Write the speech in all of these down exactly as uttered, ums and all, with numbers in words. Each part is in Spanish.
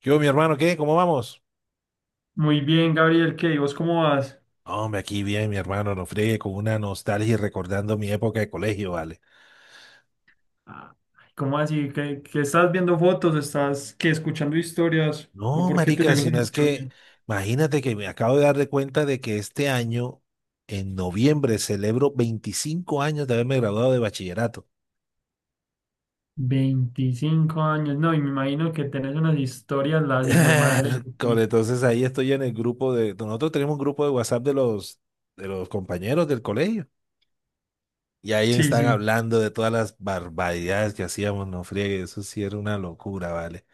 ¿Qué hubo, mi hermano? ¿Qué? ¿Cómo vamos? Muy bien, Gabriel, ¿qué? ¿Y vos cómo vas? Hombre, aquí bien, mi hermano, no friegue con una nostalgia y recordando mi época de colegio, ¿vale? Ah, ¿cómo así? ¿Qué, qué estás viendo fotos? ¿Estás qué, escuchando historias? ¿O No, por qué te marica, llegó esa sino es que nostalgia? imagínate que me acabo de dar de cuenta de que este año, en noviembre, celebro veinticinco años de haberme graduado de bachillerato. Veinticinco años, no, y me imagino que tenés unas historias, las madre. Con- Sí, Entonces ahí estoy en el grupo de... nosotros tenemos un grupo de WhatsApp de los, de los compañeros del colegio. Y ahí sí. están Sí. hablando de todas las barbaridades que hacíamos, no friegue, eso sí era una locura, ¿vale?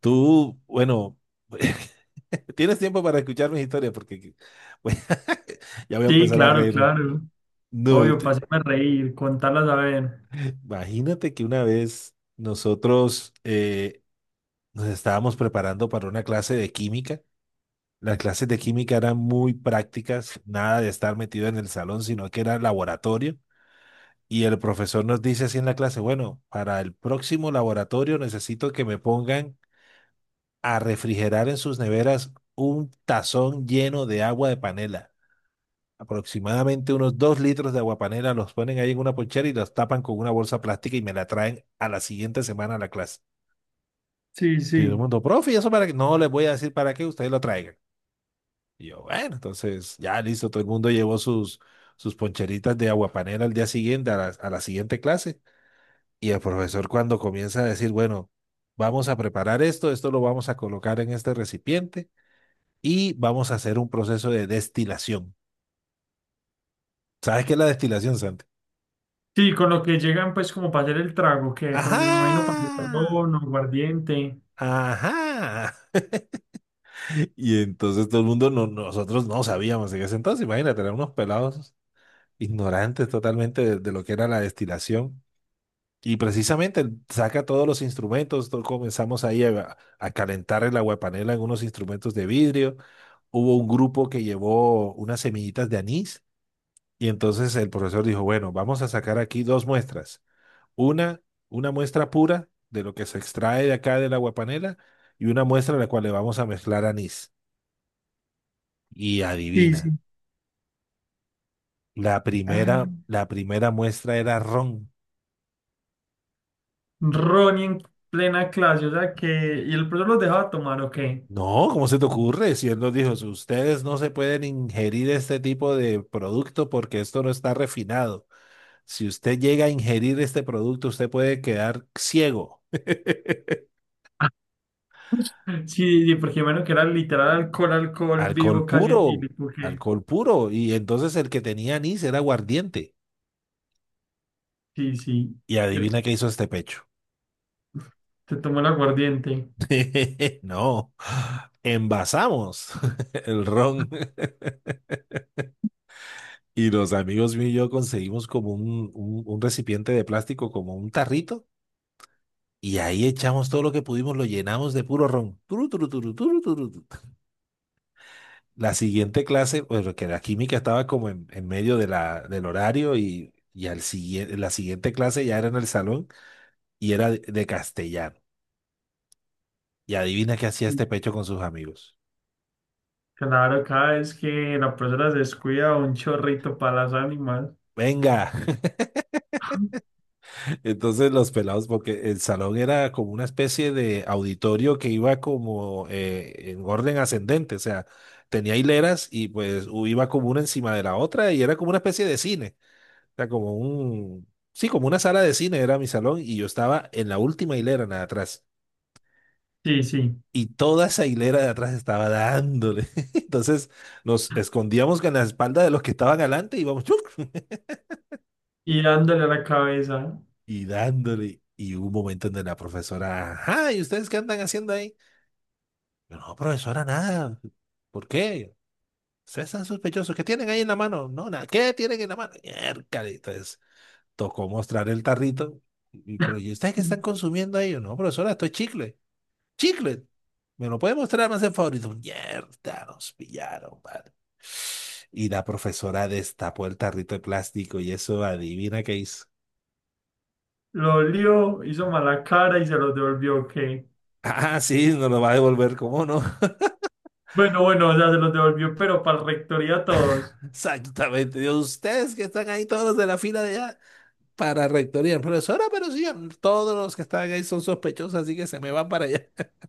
Tú, bueno, tienes tiempo para escuchar mis historias porque bueno, ya voy a Sí, empezar a claro, reírme. claro. No, Obvio, para te- hacerme reír, contarlas a ver. imagínate que una vez nosotros eh, nos estábamos preparando para una clase de química. Las clases de química eran muy prácticas, nada de estar metido en el salón, sino que era laboratorio. Y el profesor nos dice así en la clase, bueno, para el próximo laboratorio necesito que me pongan a refrigerar en sus neveras un tazón lleno de agua de panela. Aproximadamente unos dos litros de aguapanela, los ponen ahí en una ponchera y los tapan con una bolsa plástica y me la traen a la siguiente semana a la clase. Sí, Y todo el sí. mundo, profe, ¿y eso para qué? No les voy a decir para qué, ustedes lo traigan. Y yo, bueno, entonces ya listo, todo el mundo llevó sus, sus poncheritas de aguapanela al día siguiente, a la, a la siguiente clase. Y el profesor cuando comienza a decir, bueno, vamos a preparar esto, esto lo vamos a colocar en este recipiente y vamos a hacer un proceso de destilación. ¿Sabes qué es la destilación, Santi? Sí, con lo que llegan, pues, como para hacer el trago, que con, me imagino, para hacer Ajá. ron o aguardiente. Ajá. Y entonces todo el mundo, no, nosotros no sabíamos en ese entonces, imagínate, eran unos pelados ignorantes totalmente de, de lo que era la destilación. Y precisamente saca todos los instrumentos, to- comenzamos ahí a, a calentar el aguapanela en unos instrumentos de vidrio. Hubo un grupo que llevó unas semillitas de anís y entonces el profesor dijo, bueno, vamos a sacar aquí dos muestras. Una, una muestra pura de lo que se extrae de acá del aguapanela y una muestra en la cual le vamos a mezclar anís. Y Sí, adivina, sí. la primera, la primera muestra era ron. Ronnie en plena clase, o sea que. ¿Y el profesor los dejaba tomar o qué? No, ¿cómo se te ocurre? Si él nos dijo, "Si ustedes no se pueden ingerir este tipo de producto porque esto no está refinado. Si usted llega a ingerir este producto, usted puede quedar ciego". Sí, sí, porque menos que era literal alcohol, alcohol Alcohol vivo, casi puro, etílico, que. alcohol puro. Y entonces el que tenía anís era aguardiente. Sí, sí. Y Y el- adivina qué hizo este pecho. Te tomó el aguardiente. No, envasamos el ron. Y los amigos míos y yo conseguimos como un, un, un recipiente de plástico, como un tarrito, y ahí echamos todo lo que pudimos, lo llenamos de puro ron. Turu, turu, turu, turu, turu, tu. La siguiente clase, pues que la química estaba como en, en medio de la, del horario y, y al siguiente, la siguiente clase ya era en el salón y era de, de castellano. Y adivina qué hacía Y este pecho con sus amigos. claro, cada vez que la profesora se descuida, un chorrito para las ánimas. Venga, entonces los pelados, porque el salón era como una especie de auditorio que iba como eh, en orden ascendente, o sea, tenía hileras y pues u- iba como una encima de la otra y era como una especie de cine, o sea, como un, sí, como una sala de cine era mi salón y yo estaba en la última hilera, nada atrás. Sí, sí. Y toda esa hilera de atrás estaba dándole. Entonces nos escondíamos con la espalda de los que estaban adelante y íbamos Y dándole a la cabeza. y dándole. Y hubo un momento donde la profesora, ajá, ¿y ustedes qué andan haciendo ahí? Yo, no, profesora, nada. ¿Por qué? Ustedes están sospechosos. ¿Qué tienen ahí en la mano? No, nada. ¿Qué tienen en la mano? Miércoles. Entonces, tocó mostrar el tarrito. Y, pero, ¿y ustedes qué están consumiendo ahí? Yo, no, profesora, esto es chicle. ¡Chicle! ¿Me lo puede mostrar más en favorito? Mierda, nos pillaron, vale. Y la profesora destapó el tarrito de plástico y eso, adivina qué hizo. Lo olió, hizo mala cara y se los devolvió, ok. Ah, sí, nos lo va a devolver, ¿cómo no? Bueno, bueno, o sea, se los devolvió, pero para la rectoría a todos. Exactamente. Dios, ustedes que están ahí todos de la fila de allá. Para rectoría. Profesora, pero sí, todos los que están ahí son sospechosos, así que se me van para allá.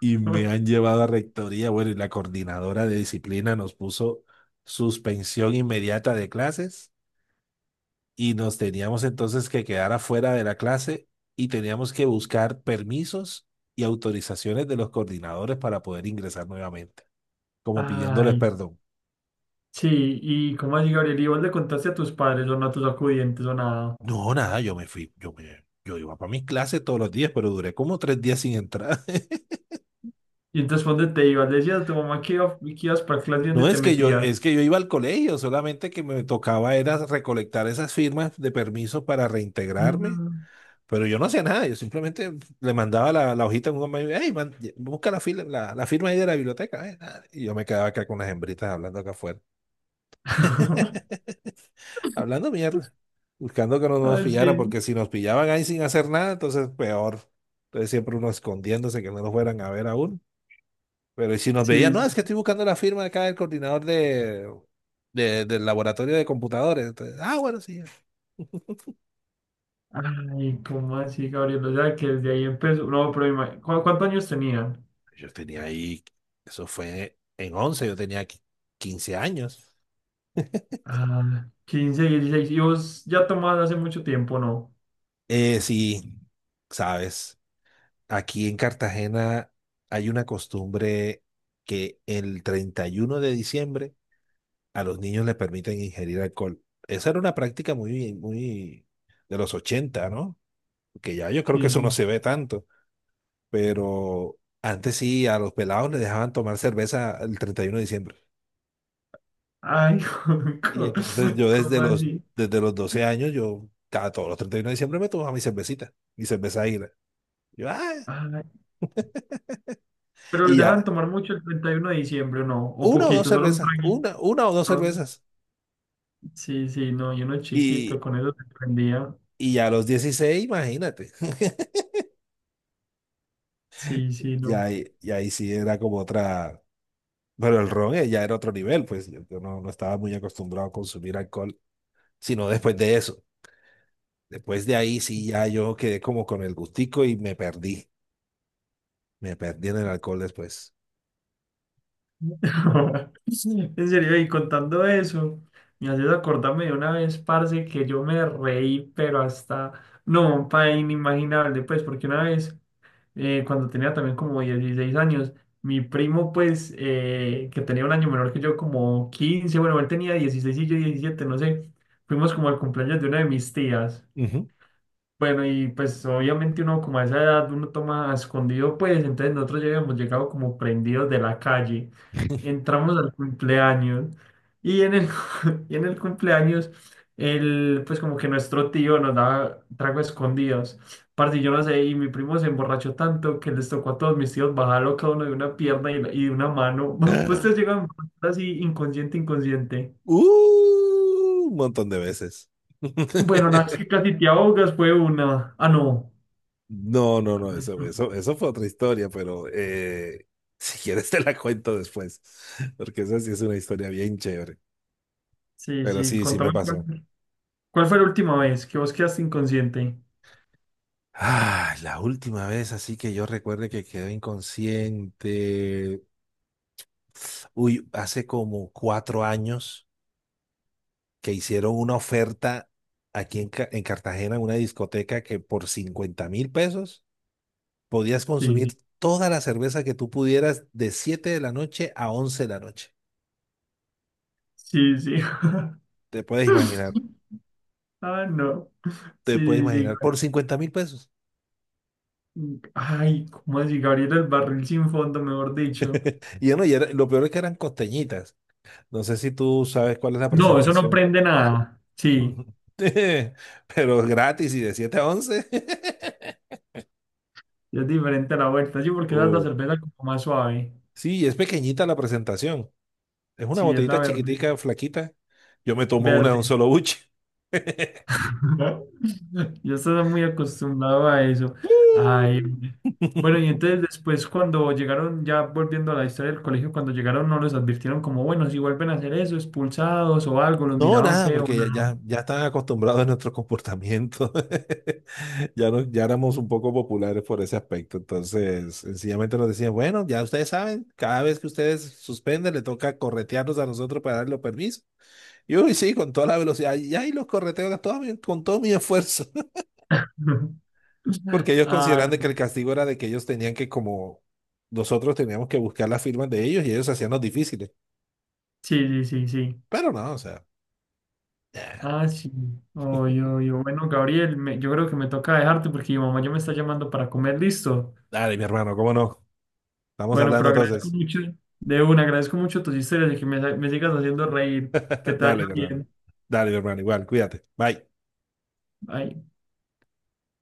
Y me han llevado a rectoría. Bueno, y la coordinadora de disciplina nos puso suspensión inmediata de clases y nos teníamos entonces que quedar afuera de la clase y teníamos que buscar permisos y autorizaciones de los coordinadores para poder ingresar nuevamente, como pidiéndoles Ay, perdón. sí, y cómo así, Gabriel, y vos le contaste a tus padres o no a tus acudientes o nada. No, nada, yo me fui, yo me, yo iba para mis clases todos los días, pero duré como tres días sin entrar. Y entonces, ¿dónde te ibas? Le decías a tu mamá que, iba- que ibas para clase y dónde No te es que yo, metías. es que yo iba al colegio, solamente que me tocaba era recolectar esas firmas de permiso para reintegrarme, Mm. pero yo no hacía nada, yo simplemente le mandaba la, la hojita a un amigo, hey, man, busca la, fila- la, la firma ahí de la biblioteca, eh, ah, y yo me quedaba acá con las hembritas hablando acá afuera, hablando mierda, buscando que no nos Ay, sí, pillaran, porque si nos pillaban ahí sin hacer nada, entonces peor, entonces siempre uno escondiéndose que no nos fueran a ver aún, pero y si nos veían, sí, no, sí. es que estoy buscando la firma acá del coordinador de, de- del laboratorio de computadores. Entonces, ah, bueno, sí. Ay, ¿cómo así, Gabriel? O sea, que desde ahí empezó. No, pero ima- ¿cu- ¿cuántos años tenían? Yo tenía ahí, eso fue en once, yo tenía qui- quince años. Ah, quince, dieciséis. Y vos ya tomabas hace mucho tiempo, ¿no? Eh, sí, sabes, aquí en Cartagena hay una costumbre que el treinta y uno de diciembre a los niños les permiten ingerir alcohol. Esa era una práctica muy, muy de los ochenta, ¿no? Que ya yo creo que Sí, eso no sí. se ve tanto. Pero antes sí, a los pelados les dejaban tomar cerveza el treinta y uno de diciembre. Ay, Y ¿cómo entonces yo desde cómo los, así? desde los doce años, yo cada todos los treinta y uno de diciembre me tomaba mi cervecita, mi cerveza águila. Yo, ah, Ay, pero los y dejan ya, tomar mucho el treinta y uno de diciembre, ¿o no? O una o dos poquito, solo un cervezas, traguito. una, una o dos ¿No? cervezas. Sí, sí, no, yo uno chiquito, Y, con eso se prendía. y ya a los dieciséis imagínate. Sí, sí, Y no. ahí, y ahí sí era como otra, pero el ron eh, ya era otro nivel, pues yo, yo no, no, estaba muy acostumbrado a consumir alcohol, sino después de eso. Después de ahí sí ya yo quedé como con el gustico y me perdí. Me perdí en el alcohol después. En serio, y contando eso, me haces acordarme de una vez, parce, que yo me reí, pero hasta, no, pa, inimaginable, pues, porque una vez eh, cuando tenía también como dieciséis años. Mi primo, pues, eh, que tenía un año menor que yo, como quince, bueno, él tenía dieciséis y yo diecisiete, no sé. Fuimos como al cumpleaños de una de mis tías. Ujú. Bueno, y pues obviamente uno como a esa edad uno toma a escondido, pues entonces nosotros ya habíamos llegado como prendidos de la calle. Entramos al cumpleaños y en el, y en el cumpleaños, el, pues como que nuestro tío nos daba trago escondidos. Parce, yo no sé, y mi primo se emborrachó tanto que les tocó a todos mis tíos bajarlo cada uno de una pierna y, y de una mano. Pues te llegan así inconsciente, inconsciente. Uh, un montón de veces. Bueno, la vez que casi te ahogas fue una... Ah, no. No, no, no, eso, eso, eso fue otra historia, pero eh, si quieres te la cuento después, porque esa sí es una historia bien chévere. Sí, Pero sí, sí, sí me contame pasó. cuál, cuál fue la última vez que vos quedaste inconsciente. Ah, la última vez, así que yo recuerde que quedé inconsciente. Uy, hace como cuatro años. Que hicieron una oferta aquí en, Ca- en Cartagena, en una discoteca que por cincuenta mil pesos podías Sí, sí, consumir toda la cerveza que tú pudieras de siete de la noche a once de la noche. sí, sí. Te puedes imaginar, Ah, no. te puedes Sí, sí, sí. imaginar, por cincuenta mil pesos. Ay, ¿cómo así? Gabriel, el barril sin fondo, mejor dicho. Y yo no, y era- lo peor es que eran costeñitas. No sé si tú sabes cuál es la No, eso no presentación. prende nada. Sí, Pero gratis y de siete a once. es diferente a la vuelta. Sí, porque esa es la Uh, cerveza como más suave. sí, es pequeñita la presentación. Es una Sí, es la botellita verde. chiquitica, flaquita. Yo me tomo una de un Verde. solo buche. Yo estaba muy acostumbrado a eso. ¡Woo! Ay, bueno, y entonces después cuando llegaron, ya volviendo a la historia del colegio, cuando llegaron no los advirtieron como, bueno, si vuelven a hacer eso, expulsados o algo, los No, miraban nada, feo, porque ya, no. ya, ya están acostumbrados a nuestro comportamiento. Ya, no, ya éramos un poco populares por ese aspecto. Entonces, sencillamente nos decían, bueno, ya ustedes saben, cada vez que ustedes suspenden, le toca corretearnos a nosotros para darle permiso. Y uy, sí, con toda la velocidad. Y ahí los correteo a todo mi- con todo mi esfuerzo. Porque ellos Ah, consideran de que el no. castigo era de que ellos tenían que, como nosotros teníamos que buscar las firmas de ellos y ellos hacían los difíciles. Sí, sí, sí, sí. Pero no, o sea, eh, Ah, sí. Oh, yo, yo. Bueno, Gabriel, me- yo creo que me toca dejarte porque mi mamá ya me está llamando para comer, listo. dale, mi hermano, ¿cómo no? Estamos Bueno, hablando pero agradezco entonces. mucho, de una, agradezco mucho tus historias y que me, me sigas haciendo reír. Que te vaya Dale, mi hermano. bien. Dale, mi hermano, igual, cuídate. Bye. Bye.